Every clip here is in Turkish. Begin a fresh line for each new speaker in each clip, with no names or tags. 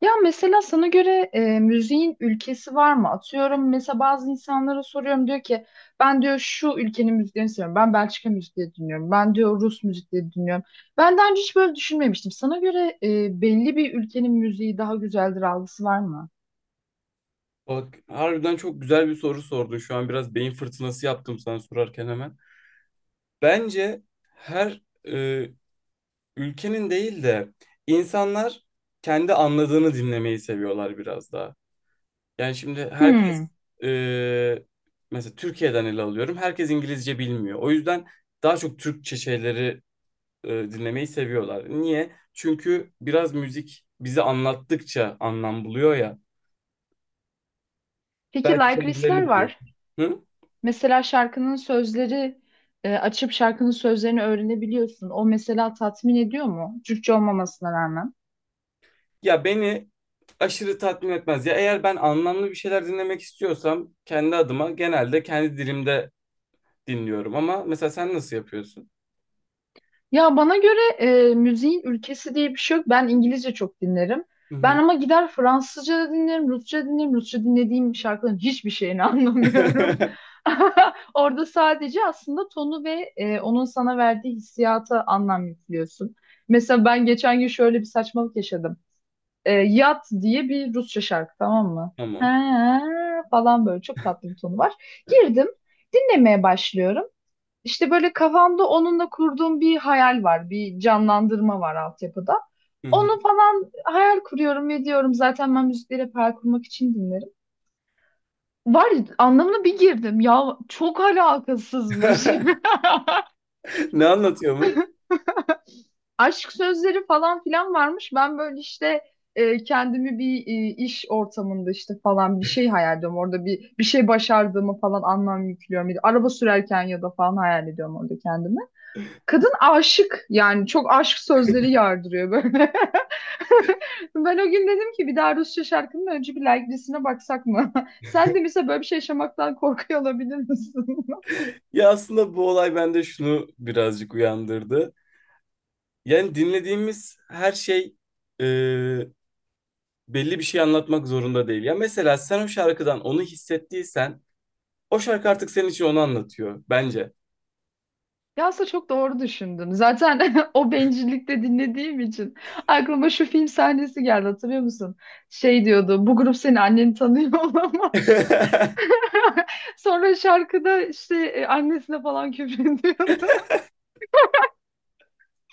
Ya mesela sana göre müziğin ülkesi var mı? Atıyorum mesela bazı insanlara soruyorum diyor ki ben diyor şu ülkenin müziğini seviyorum. Ben Belçika müziği dinliyorum. Ben diyor Rus müzikleri dinliyorum. Ben daha önce hiç böyle düşünmemiştim. Sana göre belli bir ülkenin müziği daha güzeldir algısı var mı?
Bak harbiden çok güzel bir soru sordun. Şu an biraz beyin fırtınası yaptım sana sorarken hemen. Bence her e, ülkenin değil de insanlar kendi anladığını dinlemeyi seviyorlar biraz daha. Yani şimdi
Hmm.
herkes e, mesela Türkiye'den ele alıyorum. Herkes İngilizce bilmiyor. O yüzden daha çok Türkçe şeyleri dinlemeyi seviyorlar. Niye? Çünkü biraz müzik bizi anlattıkça anlam buluyor ya.
Peki
Belki
like listler
kendilerini buluyor.
var.
Hı?
Mesela şarkının sözleri açıp şarkının sözlerini öğrenebiliyorsun. O mesela tatmin ediyor mu? Türkçe olmamasına rağmen.
Ya beni aşırı tatmin etmez. Ya eğer ben anlamlı bir şeyler dinlemek istiyorsam kendi adıma genelde kendi dilimde dinliyorum. Ama mesela sen nasıl yapıyorsun?
Ya bana göre müziğin ülkesi diye bir şey yok. Ben İngilizce çok dinlerim.
Hı
Ben
hı.
ama gider Fransızca da dinlerim, Rusça dinlerim. Rusça dinlediğim şarkıların hiçbir şeyini anlamıyorum. Orada sadece aslında tonu ve onun sana verdiği hissiyata anlam yüklüyorsun. Mesela ben geçen gün şöyle bir saçmalık yaşadım. Yat diye bir Rusça şarkı, tamam mı?
Tamam.
Ha, falan böyle çok tatlı bir tonu var. Girdim, dinlemeye başlıyorum. İşte böyle kafamda onunla kurduğum bir hayal var, bir canlandırma var altyapıda.
Hı hı.
Onu falan hayal kuruyorum ve diyorum zaten ben müzikleri hep hayal kurmak için dinlerim. Var anlamına bir girdim. Ya çok alakasızmış.
Ne anlatıyormuş?
Aşk sözleri falan filan varmış. Ben böyle işte kendimi bir iş ortamında işte falan bir şey hayal ediyorum. Orada bir şey başardığımı falan anlam yüklüyorum. Araba sürerken ya da falan hayal ediyorum orada kendimi. Kadın aşık yani çok aşk sözleri yardırıyor böyle. Ben o gün dedim ki bir daha Rusça şarkının önce bir like listesine baksak mı? Sen de mesela böyle bir şey yaşamaktan korkuyor olabilir misin?
Ya aslında bu olay bende şunu birazcık uyandırdı. Yani dinlediğimiz her şey e, belli bir şey anlatmak zorunda değil. Ya mesela sen o şarkıdan onu hissettiysen o şarkı artık senin için onu anlatıyor bence.
Ya aslında çok doğru düşündün. Zaten o bencillikte dinlediğim için aklıma şu film sahnesi geldi, hatırlıyor musun? Şey diyordu, bu grup senin anneni tanıyor olamaz. Sonra şarkıda işte annesine falan küfür ediyordu.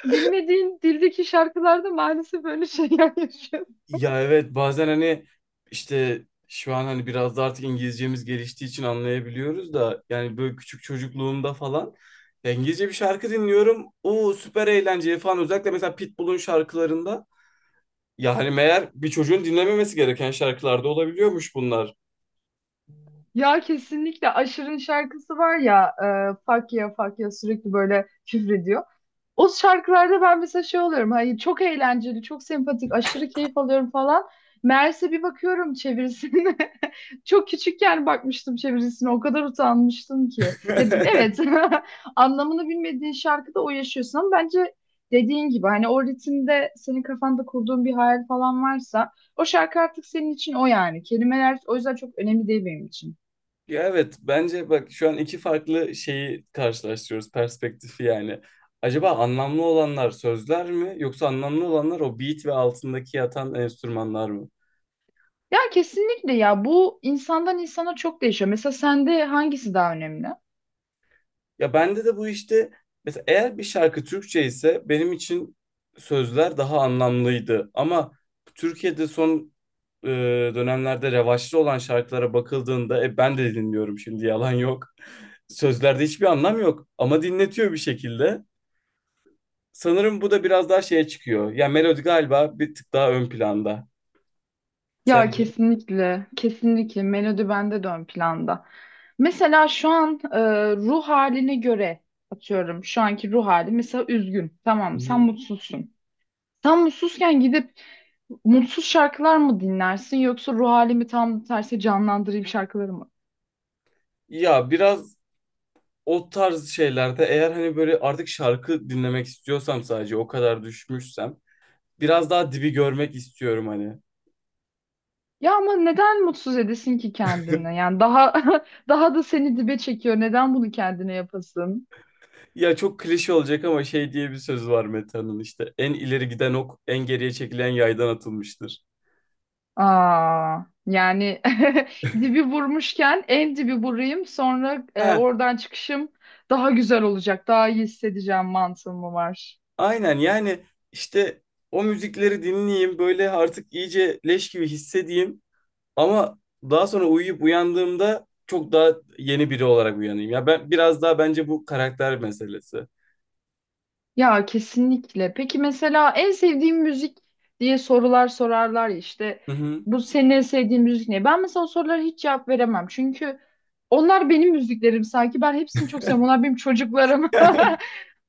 Bilmediğin dildeki şarkılarda maalesef böyle şeyler yaşıyor.
Ya evet bazen hani işte şu an hani biraz da artık İngilizcemiz geliştiği için anlayabiliyoruz da yani böyle küçük çocukluğumda falan ya İngilizce bir şarkı dinliyorum. Oo süper eğlenceli falan özellikle mesela Pitbull'un şarkılarında yani meğer bir çocuğun dinlememesi gereken şarkılarda olabiliyormuş bunlar.
Ya kesinlikle Aşır'ın şarkısı var ya, Fuck ya fuck ya sürekli böyle küfrediyor. O şarkılarda ben mesela şey oluyorum. Hayır, çok eğlenceli, çok sempatik, aşırı keyif alıyorum falan. Meğerse bir bakıyorum çevirisine. Çok küçükken bakmıştım çevirisine. O kadar utanmıştım ki. Ya, evet anlamını bilmediğin şarkıda o yaşıyorsun ama bence dediğin gibi hani o ritimde senin kafanda kurduğun bir hayal falan varsa o şarkı artık senin için o yani. Kelimeler o yüzden çok önemli değil benim için.
Ya evet bence bak şu an iki farklı şeyi karşılaştırıyoruz perspektifi yani. Acaba anlamlı olanlar sözler mi yoksa anlamlı olanlar o beat ve altındaki yatan enstrümanlar mı?
Ya kesinlikle ya, bu insandan insana çok değişiyor. Mesela sende hangisi daha önemli?
Ya bende de bu işte mesela eğer bir şarkı Türkçe ise benim için sözler daha anlamlıydı. Ama Türkiye'de son e, dönemlerde revaçlı olan şarkılara bakıldığında ben de dinliyorum şimdi yalan yok. Sözlerde hiçbir anlam yok ama dinletiyor bir şekilde. Sanırım bu da biraz daha şeye çıkıyor. Ya melodi galiba bir tık daha ön planda.
Ya
Sence?
kesinlikle, kesinlikle melodi bende de ön planda. Mesela şu an ruh haline göre atıyorum şu anki ruh hali mesela üzgün. Tamam
Hı
mı? Sen
hı.
mutsuzsun. Sen mutsuzken gidip mutsuz şarkılar mı dinlersin yoksa ruh halimi tam tersi canlandırayım şarkıları mı?
Ya biraz o tarz şeylerde eğer hani böyle artık şarkı dinlemek istiyorsam sadece o kadar düşmüşsem biraz daha dibi görmek istiyorum hani.
Ya ama neden mutsuz edesin ki kendini? Yani daha daha da seni dibe çekiyor. Neden bunu kendine yapasın?
Ya çok klişe olacak ama şey diye bir söz var Meta'nın işte. En ileri giden ok en geriye çekilen yaydan atılmıştır.
Aa, yani dibi vurmuşken en dibi vurayım sonra
Ha,
oradan çıkışım daha güzel olacak, daha iyi hissedeceğim mantığı mı var?
aynen yani işte o müzikleri dinleyeyim böyle artık iyice leş gibi hissedeyim ama daha sonra uyuyup uyandığımda çok daha yeni biri olarak uyanayım. Ya ben biraz daha bence bu karakter meselesi.
Ya kesinlikle. Peki mesela en sevdiğim müzik diye sorular sorarlar ya işte,
Hı hı.
bu senin en sevdiğin müzik ne? Ben mesela o sorulara hiç cevap veremem çünkü onlar benim müziklerim, sanki ben hepsini çok seviyorum. Onlar benim çocuklarım.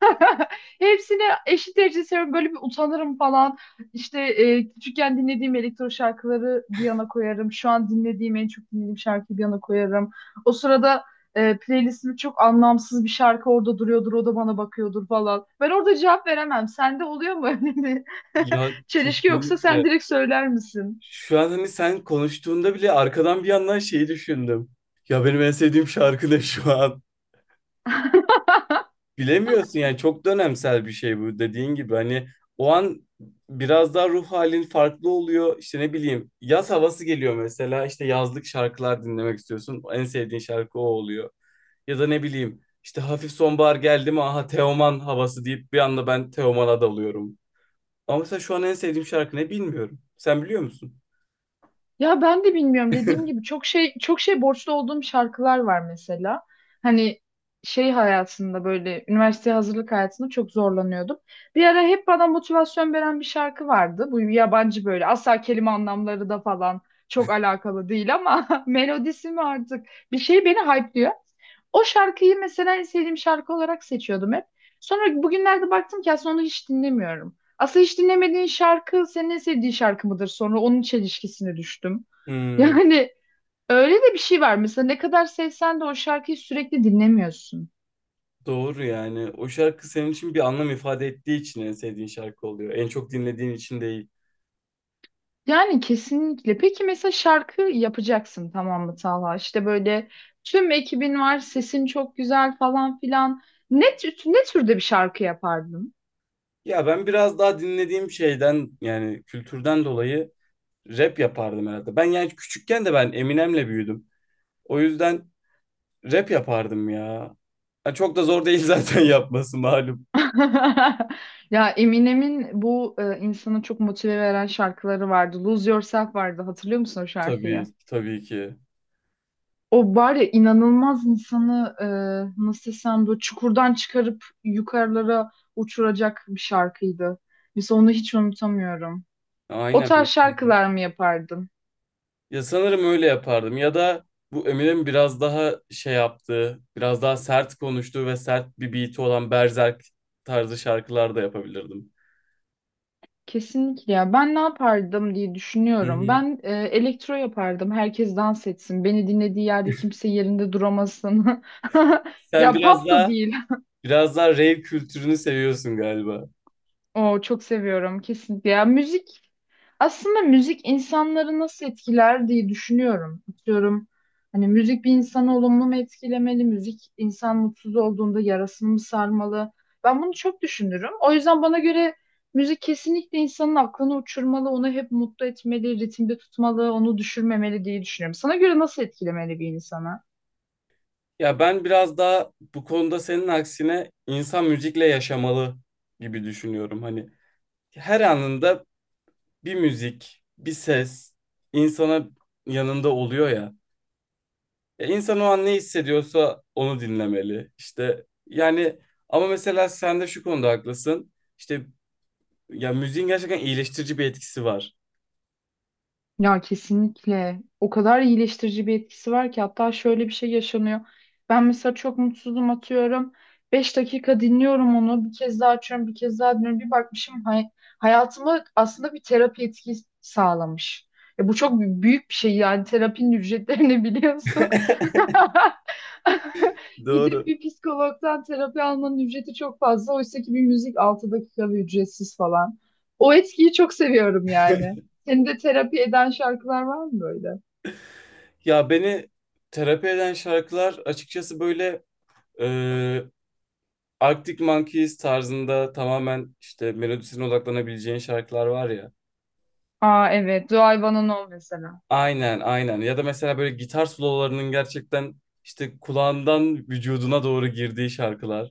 Hepsini eşit derecede seviyorum. Böyle bir utanırım falan. İşte küçükken dinlediğim elektro şarkıları bir yana koyarım. Şu an dinlediğim, en çok dinlediğim şarkıyı bir yana koyarım. O sırada playlistimde çok anlamsız bir şarkı orada duruyordur. O da bana bakıyordur falan. Ben orada cevap veremem. Sende oluyor mu öyle bir
Ya
çelişki, yoksa sen
kesinlikle.
direkt söyler misin?
Şu an hani sen konuştuğunda bile arkadan bir yandan şeyi düşündüm. Ya benim en sevdiğim şarkı ne şu an? Bilemiyorsun yani çok dönemsel bir şey bu dediğin gibi. Hani o an biraz daha ruh halin farklı oluyor. İşte ne bileyim yaz havası geliyor mesela. İşte yazlık şarkılar dinlemek istiyorsun. En sevdiğin şarkı o oluyor. Ya da ne bileyim işte hafif sonbahar geldi mi aha Teoman havası deyip bir anda ben Teoman'a dalıyorum. Ama mesela şu an en sevdiğim şarkı ne bilmiyorum. Sen biliyor musun?
Ya ben de bilmiyorum. Dediğim gibi çok şey borçlu olduğum şarkılar var mesela. Hani şey hayatında, böyle üniversite hazırlık hayatında çok zorlanıyordum. Bir ara hep bana motivasyon veren bir şarkı vardı. Bu yabancı, böyle asla kelime anlamları da falan çok alakalı değil ama melodisi mi artık bir şey beni hype'lıyor. O şarkıyı mesela en sevdiğim şarkı olarak seçiyordum hep. Sonra bugünlerde baktım ki aslında onu hiç dinlemiyorum. Aslında hiç dinlemediğin şarkı senin en sevdiğin şarkı mıdır? Sonra onun çelişkisine düştüm.
Hmm.
Yani öyle de bir şey var. Mesela ne kadar sevsen de o şarkıyı sürekli dinlemiyorsun.
Doğru yani. O şarkı senin için bir anlam ifade ettiği için en sevdiğin şarkı oluyor. En çok dinlediğin için değil.
Yani kesinlikle. Peki mesela şarkı yapacaksın, tamam mı Talha? İşte böyle tüm ekibin var, sesin çok güzel falan filan. Ne türde bir şarkı yapardın?
Ya ben biraz daha dinlediğim şeyden yani kültürden dolayı rap yapardım herhalde. Ben yani küçükken de ben Eminem'le büyüdüm. O yüzden rap yapardım ya. Yani çok da zor değil zaten yapması malum.
Ya Eminem'in bu insanı çok motive veren şarkıları vardı. Lose Yourself vardı. Hatırlıyor musun o
Tabii,
şarkıyı?
tabii ki.
O var ya, inanılmaz insanı nasıl desem böyle çukurdan çıkarıp yukarılara uçuracak bir şarkıydı. Mesela onu hiç unutamıyorum. O
Aynen.
tarz şarkılar mı yapardım?
Ya sanırım öyle yapardım ya da bu Eminem'in biraz daha şey yaptığı, biraz daha sert konuştuğu ve sert bir beat'i olan berzerk tarzı şarkılar da yapabilirdim.
Kesinlikle ya. Ben ne yapardım diye
Hı
düşünüyorum.
hı.
Ben elektro yapardım. Herkes dans etsin. Beni dinlediği yerde kimse yerinde duramasın.
Sen
Ya
biraz
pop da
daha
değil.
biraz daha rave kültürünü seviyorsun galiba.
O çok seviyorum kesinlikle. Ya müzik, aslında müzik insanları nasıl etkiler diye düşünüyorum. Atıyorum hani müzik bir insanı olumlu mu etkilemeli? Müzik insan mutsuz olduğunda yarasını mı sarmalı? Ben bunu çok düşünürüm. O yüzden bana göre müzik kesinlikle insanın aklını uçurmalı, onu hep mutlu etmeli, ritimde tutmalı, onu düşürmemeli diye düşünüyorum. Sana göre nasıl etkilemeli bir insanı?
Ya ben biraz daha bu konuda senin aksine insan müzikle yaşamalı gibi düşünüyorum. Hani her anında bir müzik, bir ses insana yanında oluyor ya. Ya İnsan o an ne hissediyorsa onu dinlemeli. İşte yani ama mesela sen de şu konuda haklısın. İşte ya müziğin gerçekten iyileştirici bir etkisi var.
Ya kesinlikle. O kadar iyileştirici bir etkisi var ki hatta şöyle bir şey yaşanıyor. Ben mesela çok mutsuzum atıyorum. 5 dakika dinliyorum onu. Bir kez daha açıyorum, bir kez daha dinliyorum. Bir bakmışım, hayatıma aslında bir terapi etkisi sağlamış. Ya bu çok büyük bir şey yani, terapinin ücretlerini biliyorsun. Gidip
Doğru.
bir psikologdan terapi almanın ücreti çok fazla. Oysa ki bir müzik 6 dakika ücretsiz falan. O etkiyi çok seviyorum yani. Senin de terapi eden şarkılar var mı böyle?
Ya beni terapi eden şarkılar açıkçası böyle e, Arctic Monkeys tarzında tamamen işte melodisine odaklanabileceğin şarkılar var ya.
Aa evet. Do I Wanna Know mesela.
Aynen aynen. Ya da mesela böyle gitar sololarının gerçekten işte kulağından vücuduna doğru girdiği şarkılar.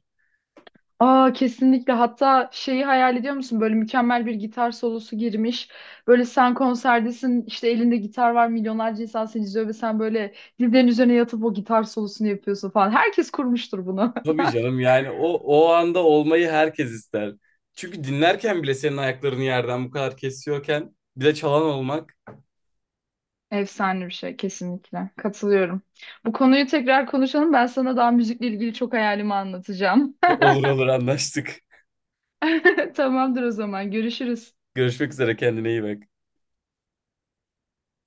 Aa kesinlikle. Hatta şeyi hayal ediyor musun? Böyle mükemmel bir gitar solosu girmiş. Böyle sen konserdesin işte, elinde gitar var, milyonlarca insan seni izliyor ve sen böyle dizlerin üzerine yatıp o gitar solosunu yapıyorsun falan. Herkes kurmuştur bunu.
Tabii canım yani o anda olmayı herkes ister. Çünkü dinlerken bile senin ayaklarını yerden bu kadar kesiyorken bir de çalan olmak
Efsane bir şey kesinlikle. Katılıyorum. Bu konuyu tekrar konuşalım. Ben sana daha müzikle ilgili çok hayalimi anlatacağım.
olur olur anlaştık.
Tamamdır o zaman. Görüşürüz.
Görüşmek üzere kendine iyi bak.